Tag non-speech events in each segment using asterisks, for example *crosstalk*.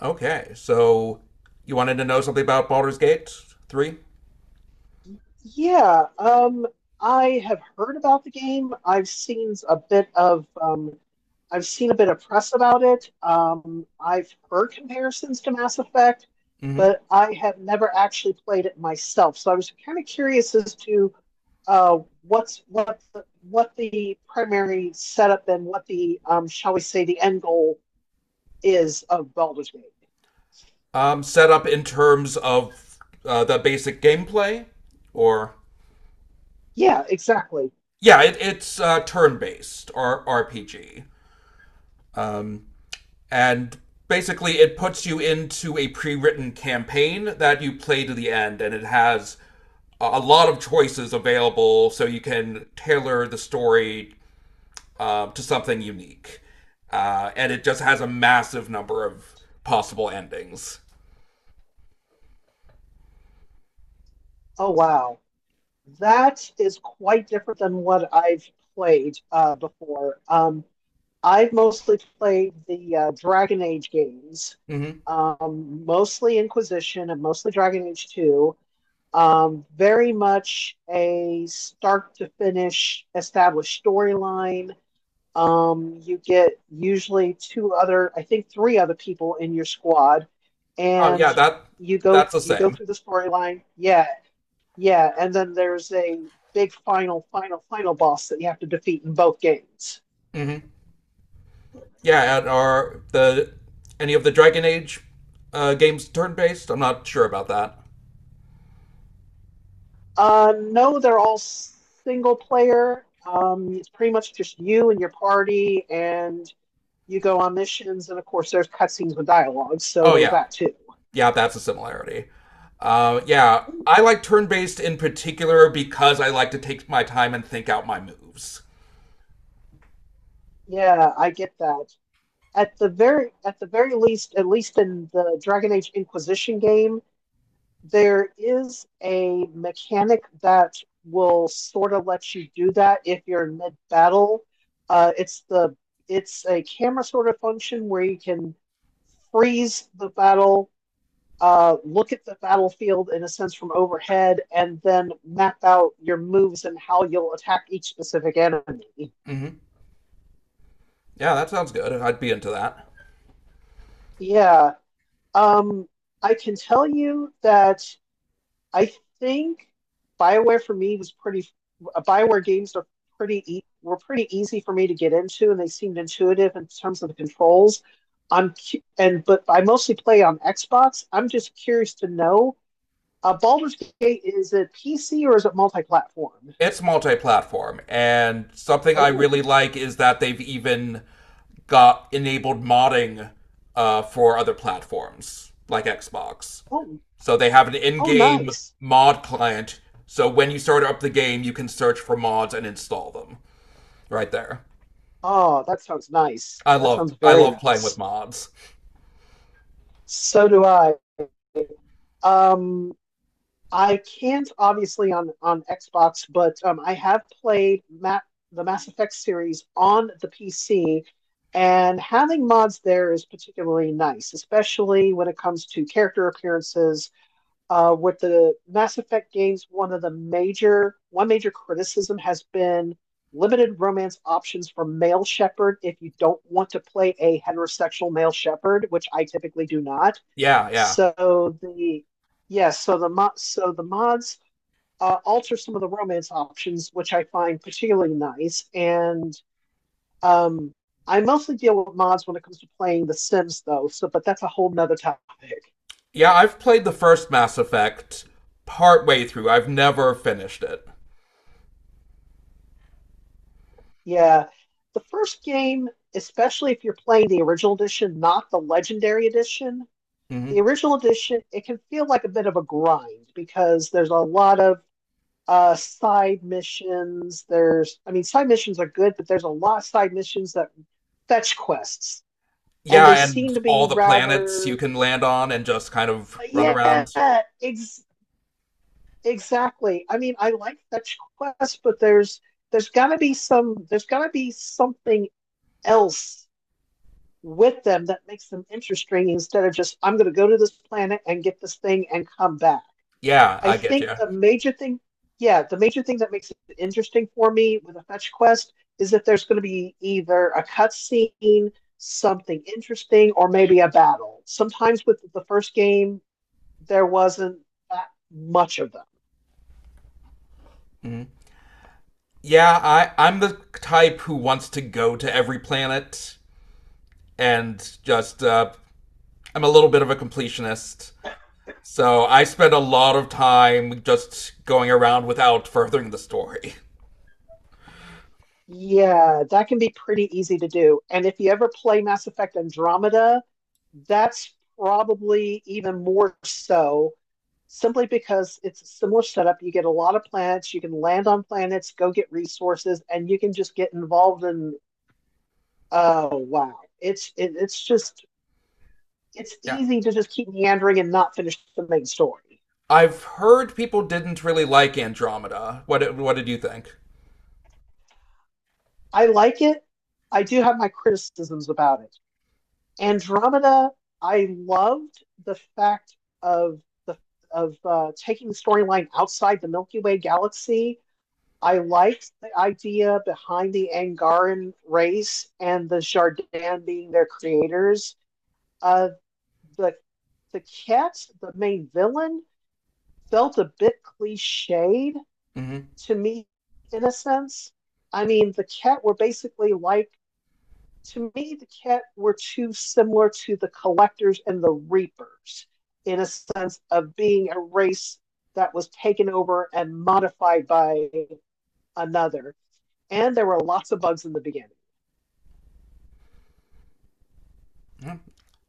Okay, so you wanted to know something about Baldur's Gate 3? Yeah, I have heard about the game. I've seen a bit of press about it. I've heard comparisons to Mass Effect, Mm-hmm. but I have never actually played it myself. So I was kind of curious as to what the primary setup and what the shall we say the end goal is of Baldur's Gate. Set up in terms of the basic gameplay? Or. Yeah, exactly. Yeah, it's turn based, or RPG. Um, and basically, it puts you into a pre written campaign that you play to the end, and it has a lot of choices available so you can tailor the story to something unique. And it just has a massive number of possible endings. Oh wow. That is quite different than what I've played before. I've mostly played the Dragon Age games, Mhm. Mostly Inquisition and mostly Dragon Age 2. Very much a start to finish established storyline. You get usually two other, I think three other people in your squad, Oh and yeah, that that's the you go same. through the storyline. Yeah, yeah, and then there's a big final boss that you have to defeat in both games. Mm-hmm. Yeah, and are the any of the Dragon Age games turn based? I'm not sure about that. No, they're all single player. It's pretty much just you and your party, and you go on missions. And of course, there's cutscenes with dialogue, so Oh there's yeah, that too. yeah, that's a similarity. Yeah, I like turn based in particular because I like to take my time and think out my moves. Yeah, I get that. At the very least, at least in the Dragon Age Inquisition game, there is a mechanic that will sort of let you do that if you're in mid battle. Uh, it's the it's a camera sort of function where you can freeze the battle, look at the battlefield in a sense from overhead, and then map out your moves and how you'll attack each specific enemy. Mhm. Yeah, that sounds good. I'd be into that. Yeah. Um, I can tell you that I think Bioware for me was pretty. Bioware games are were pretty easy for me to get into, and they seemed intuitive in terms of the controls. I'm cu- and But I mostly play on Xbox. I'm just curious to know. Baldur's Gate, is it PC or is it multi-platform? It's multi-platform, and something I Oh, really like is that they've even got enabled modding for other platforms like Xbox. oh, So they have an oh, in-game nice. mod client. So when you start up the game, you can search for mods and install them right there. Oh, that sounds nice. I That love sounds I very love playing with nice. mods. So do I. Um, I can't obviously on Xbox, but I have played the Mass Effect series on the PC, and having mods there is particularly nice, especially when it comes to character appearances. With the Mass Effect games, one major criticism has been limited romance options for male Shepard, if you don't want to play a heterosexual male Shepard, which I typically do not. Yeah, yeah. So the so the mods alter some of the romance options, which I find particularly nice. And um, I mostly deal with mods when it comes to playing The Sims, though. So, but that's a whole nother topic. Yeah, I've played the first Mass Effect partway through. I've never finished it. Yeah, the first game, especially if you're playing the original edition, not the Legendary edition. The hmm original edition, it can feel like a bit of a grind because there's a lot of side missions, there's side missions are good, but there's a lot of side missions that fetch quests and Yeah, they and seem to be all the planets you rather can land on and just kind of run yeah around. ex- exactly. I mean, I like fetch quests, but there's got to be some there's got to be something else with them that makes them interesting instead of just I'm going to go to this planet and get this thing and come back. Yeah, I I get think you. the major thing, yeah, the major thing that makes it interesting for me with a fetch quest is that there's going to be either a cutscene, something interesting, or maybe a battle. Sometimes with the first game, there wasn't that much of them. hmm Yeah, I'm the type who wants to go to every planet and just I'm a little bit of a completionist. So I spend a lot of time just going around without furthering the story. *laughs* Yeah, that can be pretty easy to do. And if you ever play Mass Effect Andromeda, that's probably even more so, simply because it's a similar setup. You get a lot of planets, you can land on planets, go get resources, and you can just get involved in, oh wow. It's just it's Yeah. easy to just keep meandering and not finish the main story. I've heard people didn't really like Andromeda. What did you think? I like it. I do have my criticisms about it. Andromeda, I loved the fact of the of taking the storyline outside the Milky Way galaxy. I liked the idea behind the Angaran race and the Jardin being their creators. Uh, the the the main villain, felt a bit cliched hmm to me in a sense. I mean, the cat were basically like to me, the Ket were too similar to the Collectors and the Reapers in a sense of being a race that was taken over and modified by another. And there were lots of bugs in the beginning.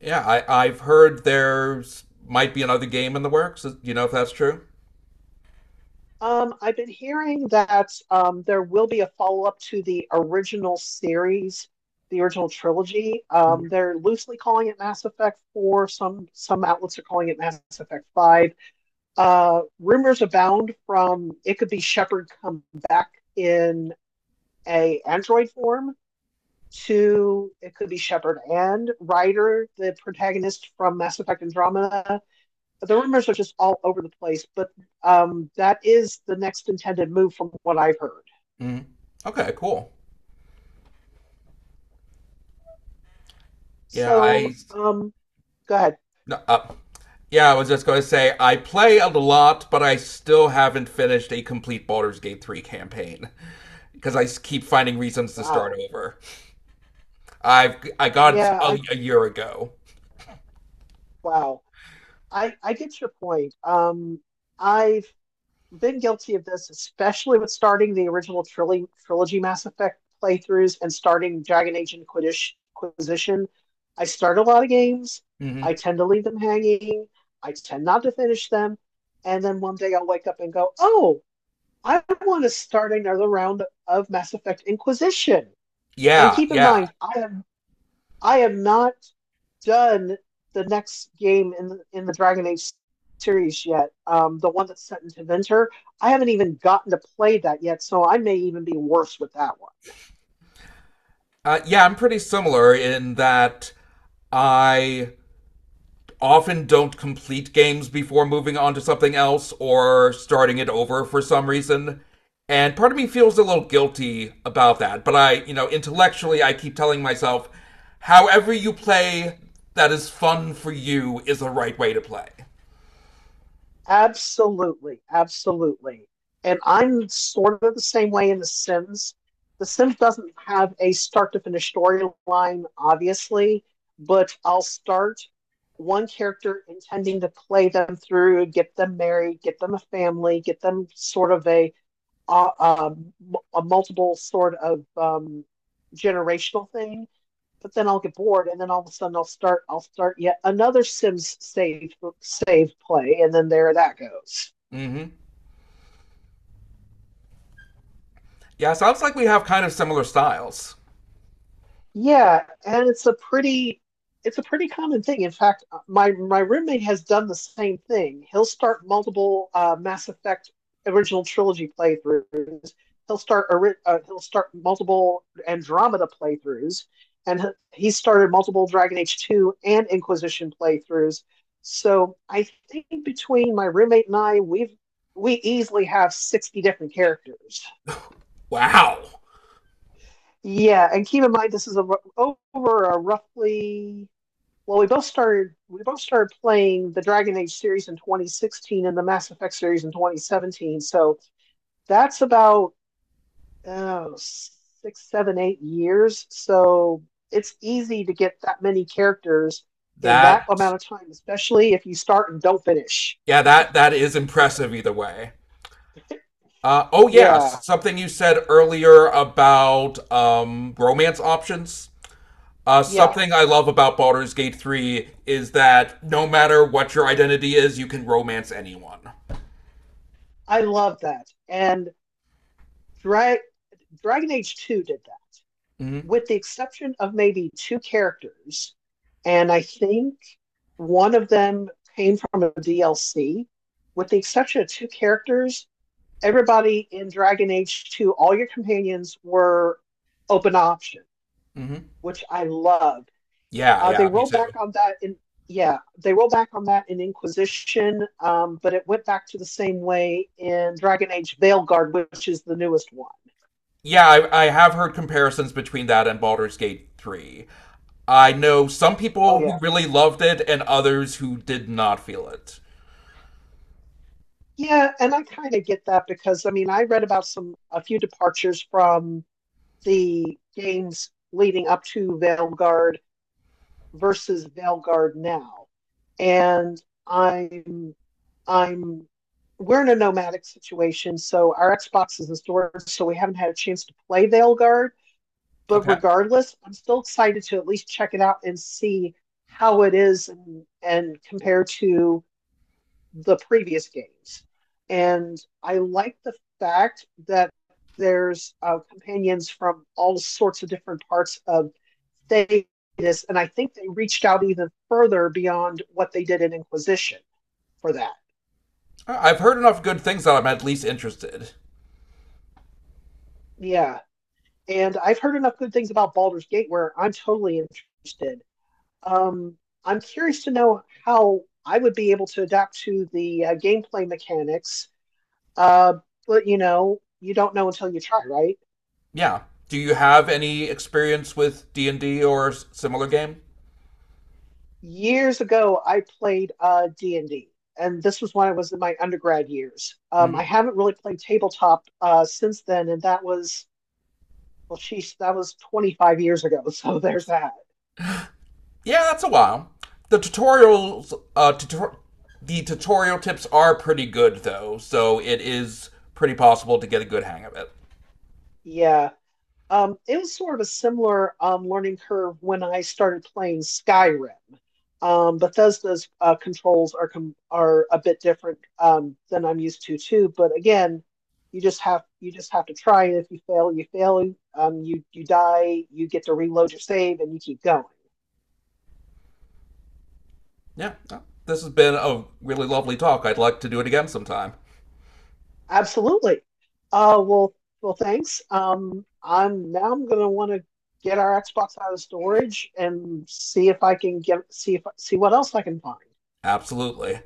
Yeah, I've heard there's might be another game in the works. Do you know if that's true? I've been hearing that there will be a follow up to the original series, the original trilogy. Mhm. They're loosely calling it Mass Effect 4. Some outlets are calling it Mass Effect 5. Rumors abound from it could be Shepard come back in a android form to it could be Shepard and Ryder, the protagonist from Mass Effect Andromeda. But the rumors are just all over the place. But that is the next intended move from what I've heard. Mm. Okay, cool. Yeah, I So go ahead. no, yeah, I was just going to say I play a lot, but I still haven't finished a complete Baldur's Gate 3 campaign because keep finding reasons to start Wow. over. I got it Yeah. I a year ago. wow. I get your point. I've been guilty of this, especially with starting the trilogy Mass Effect playthroughs and starting Dragon Age Inquisition. I start a lot of games. I hmm tend to leave them hanging. I tend not to finish them. And then one day I'll wake up and go, oh, I want to start another round of Mass Effect Inquisition. And Yeah, keep in yeah. mind, I am not done the next game in the Dragon Age series yet. The one that's set into winter. I haven't even gotten to play that yet, so I may even be worse with that one. Yeah, I'm pretty similar in that I often don't complete games before moving on to something else or starting it over for some reason. And part of me feels a little guilty about that. But I, you know, intellectually, I keep telling myself, however you play that is fun for you is the right way to play. Absolutely, absolutely. And I'm sort of the same way in The Sims. The Sims doesn't have a start to finish storyline, obviously, but I'll start one character intending to play them through, get them married, get them a family, get them sort of uh, um, a multiple sort of generational thing. But then I'll get bored, and then all of a sudden I'll start yet another Sims save play, and then there that goes. Mm-hmm. Yeah, sounds like we have kind of similar styles. Yeah, and it's a pretty common thing. In fact, my roommate has done the same thing. He'll start multiple Mass Effect original trilogy playthroughs. He'll start a He'll start multiple Andromeda playthroughs, and he started multiple Dragon Age 2 and Inquisition playthroughs. So I think between my roommate and I, we easily have 60 different characters. Wow. Yeah, and keep in mind this is a, over a roughly well, we both started playing the Dragon Age series in 2016 and the Mass Effect series in 2017. So that's about oh, six, seven, 8 years. So it's easy to get that many characters in That, that amount of time, especially if you start and don't finish. yeah, that, that is impressive either way. Oh yeah, Yeah, something you said earlier about romance options. Yeah, Something I love about Baldur's Gate 3 is that no matter what your identity is, you can romance anyone. I love that. And Dra- Dragon Age 2 did, Mm-hmm. with the exception of maybe two characters, and I think one of them came from a DLC. With the exception of two characters, everybody in Dragon Age 2, all your companions were open option, Mm-hmm. which I loved. Yeah, They yeah, me rolled back too. on that in Yeah, they rolled back on that in Inquisition, but it went back to the same way in Dragon Age Veilguard, which is the newest one. Yeah, I have heard comparisons between that and Baldur's Gate 3. I know some Oh people who yeah. really loved it and others who did not feel it. Yeah, and I kind of get that because I mean, I read about some a few departures from the games leading up to Veilguard versus Veilguard now. And I'm I'm we're in a nomadic situation, so our Xbox is in storage, so we haven't had a chance to play Veilguard. But Okay. regardless, I'm still excited to at least check it out and see how it is and compared to the previous games. And I like the fact that there's companions from all sorts of different parts of Thetis, and I think they reached out even further beyond what they did in Inquisition for that. Have heard enough good things that I'm at least interested. Yeah, and I've heard enough good things about Baldur's Gate where I'm totally interested. Um, I'm curious to know how I would be able to adapt to the gameplay mechanics, uh, but you know, you don't know until you try, right? Yeah. Do you have any experience with D&D or similar game? Years ago I played D&D and D, and this was when I was in my undergrad years. Mm-hmm. I haven't really played tabletop since then and that was well sheesh that was 25 years ago *laughs* so there's that. Yeah, that's a while. The tutorials, uh, tutor- the tutorial tips are pretty good though, so it is pretty possible to get a good hang of it. Yeah. It was sort of a similar learning curve when I started playing Skyrim. Bethesda's controls are are a bit different than I'm used to too. But again, you just have to try, and if you fail, you fail. You die, you get to reload your save, and you keep going. Yeah, no, this has been a really lovely talk. I'd like to do it again sometime. Absolutely. Uh, well, well, thanks. I'm gonna want to get our Xbox out of storage and see if I can get see if see what else I can find. Absolutely.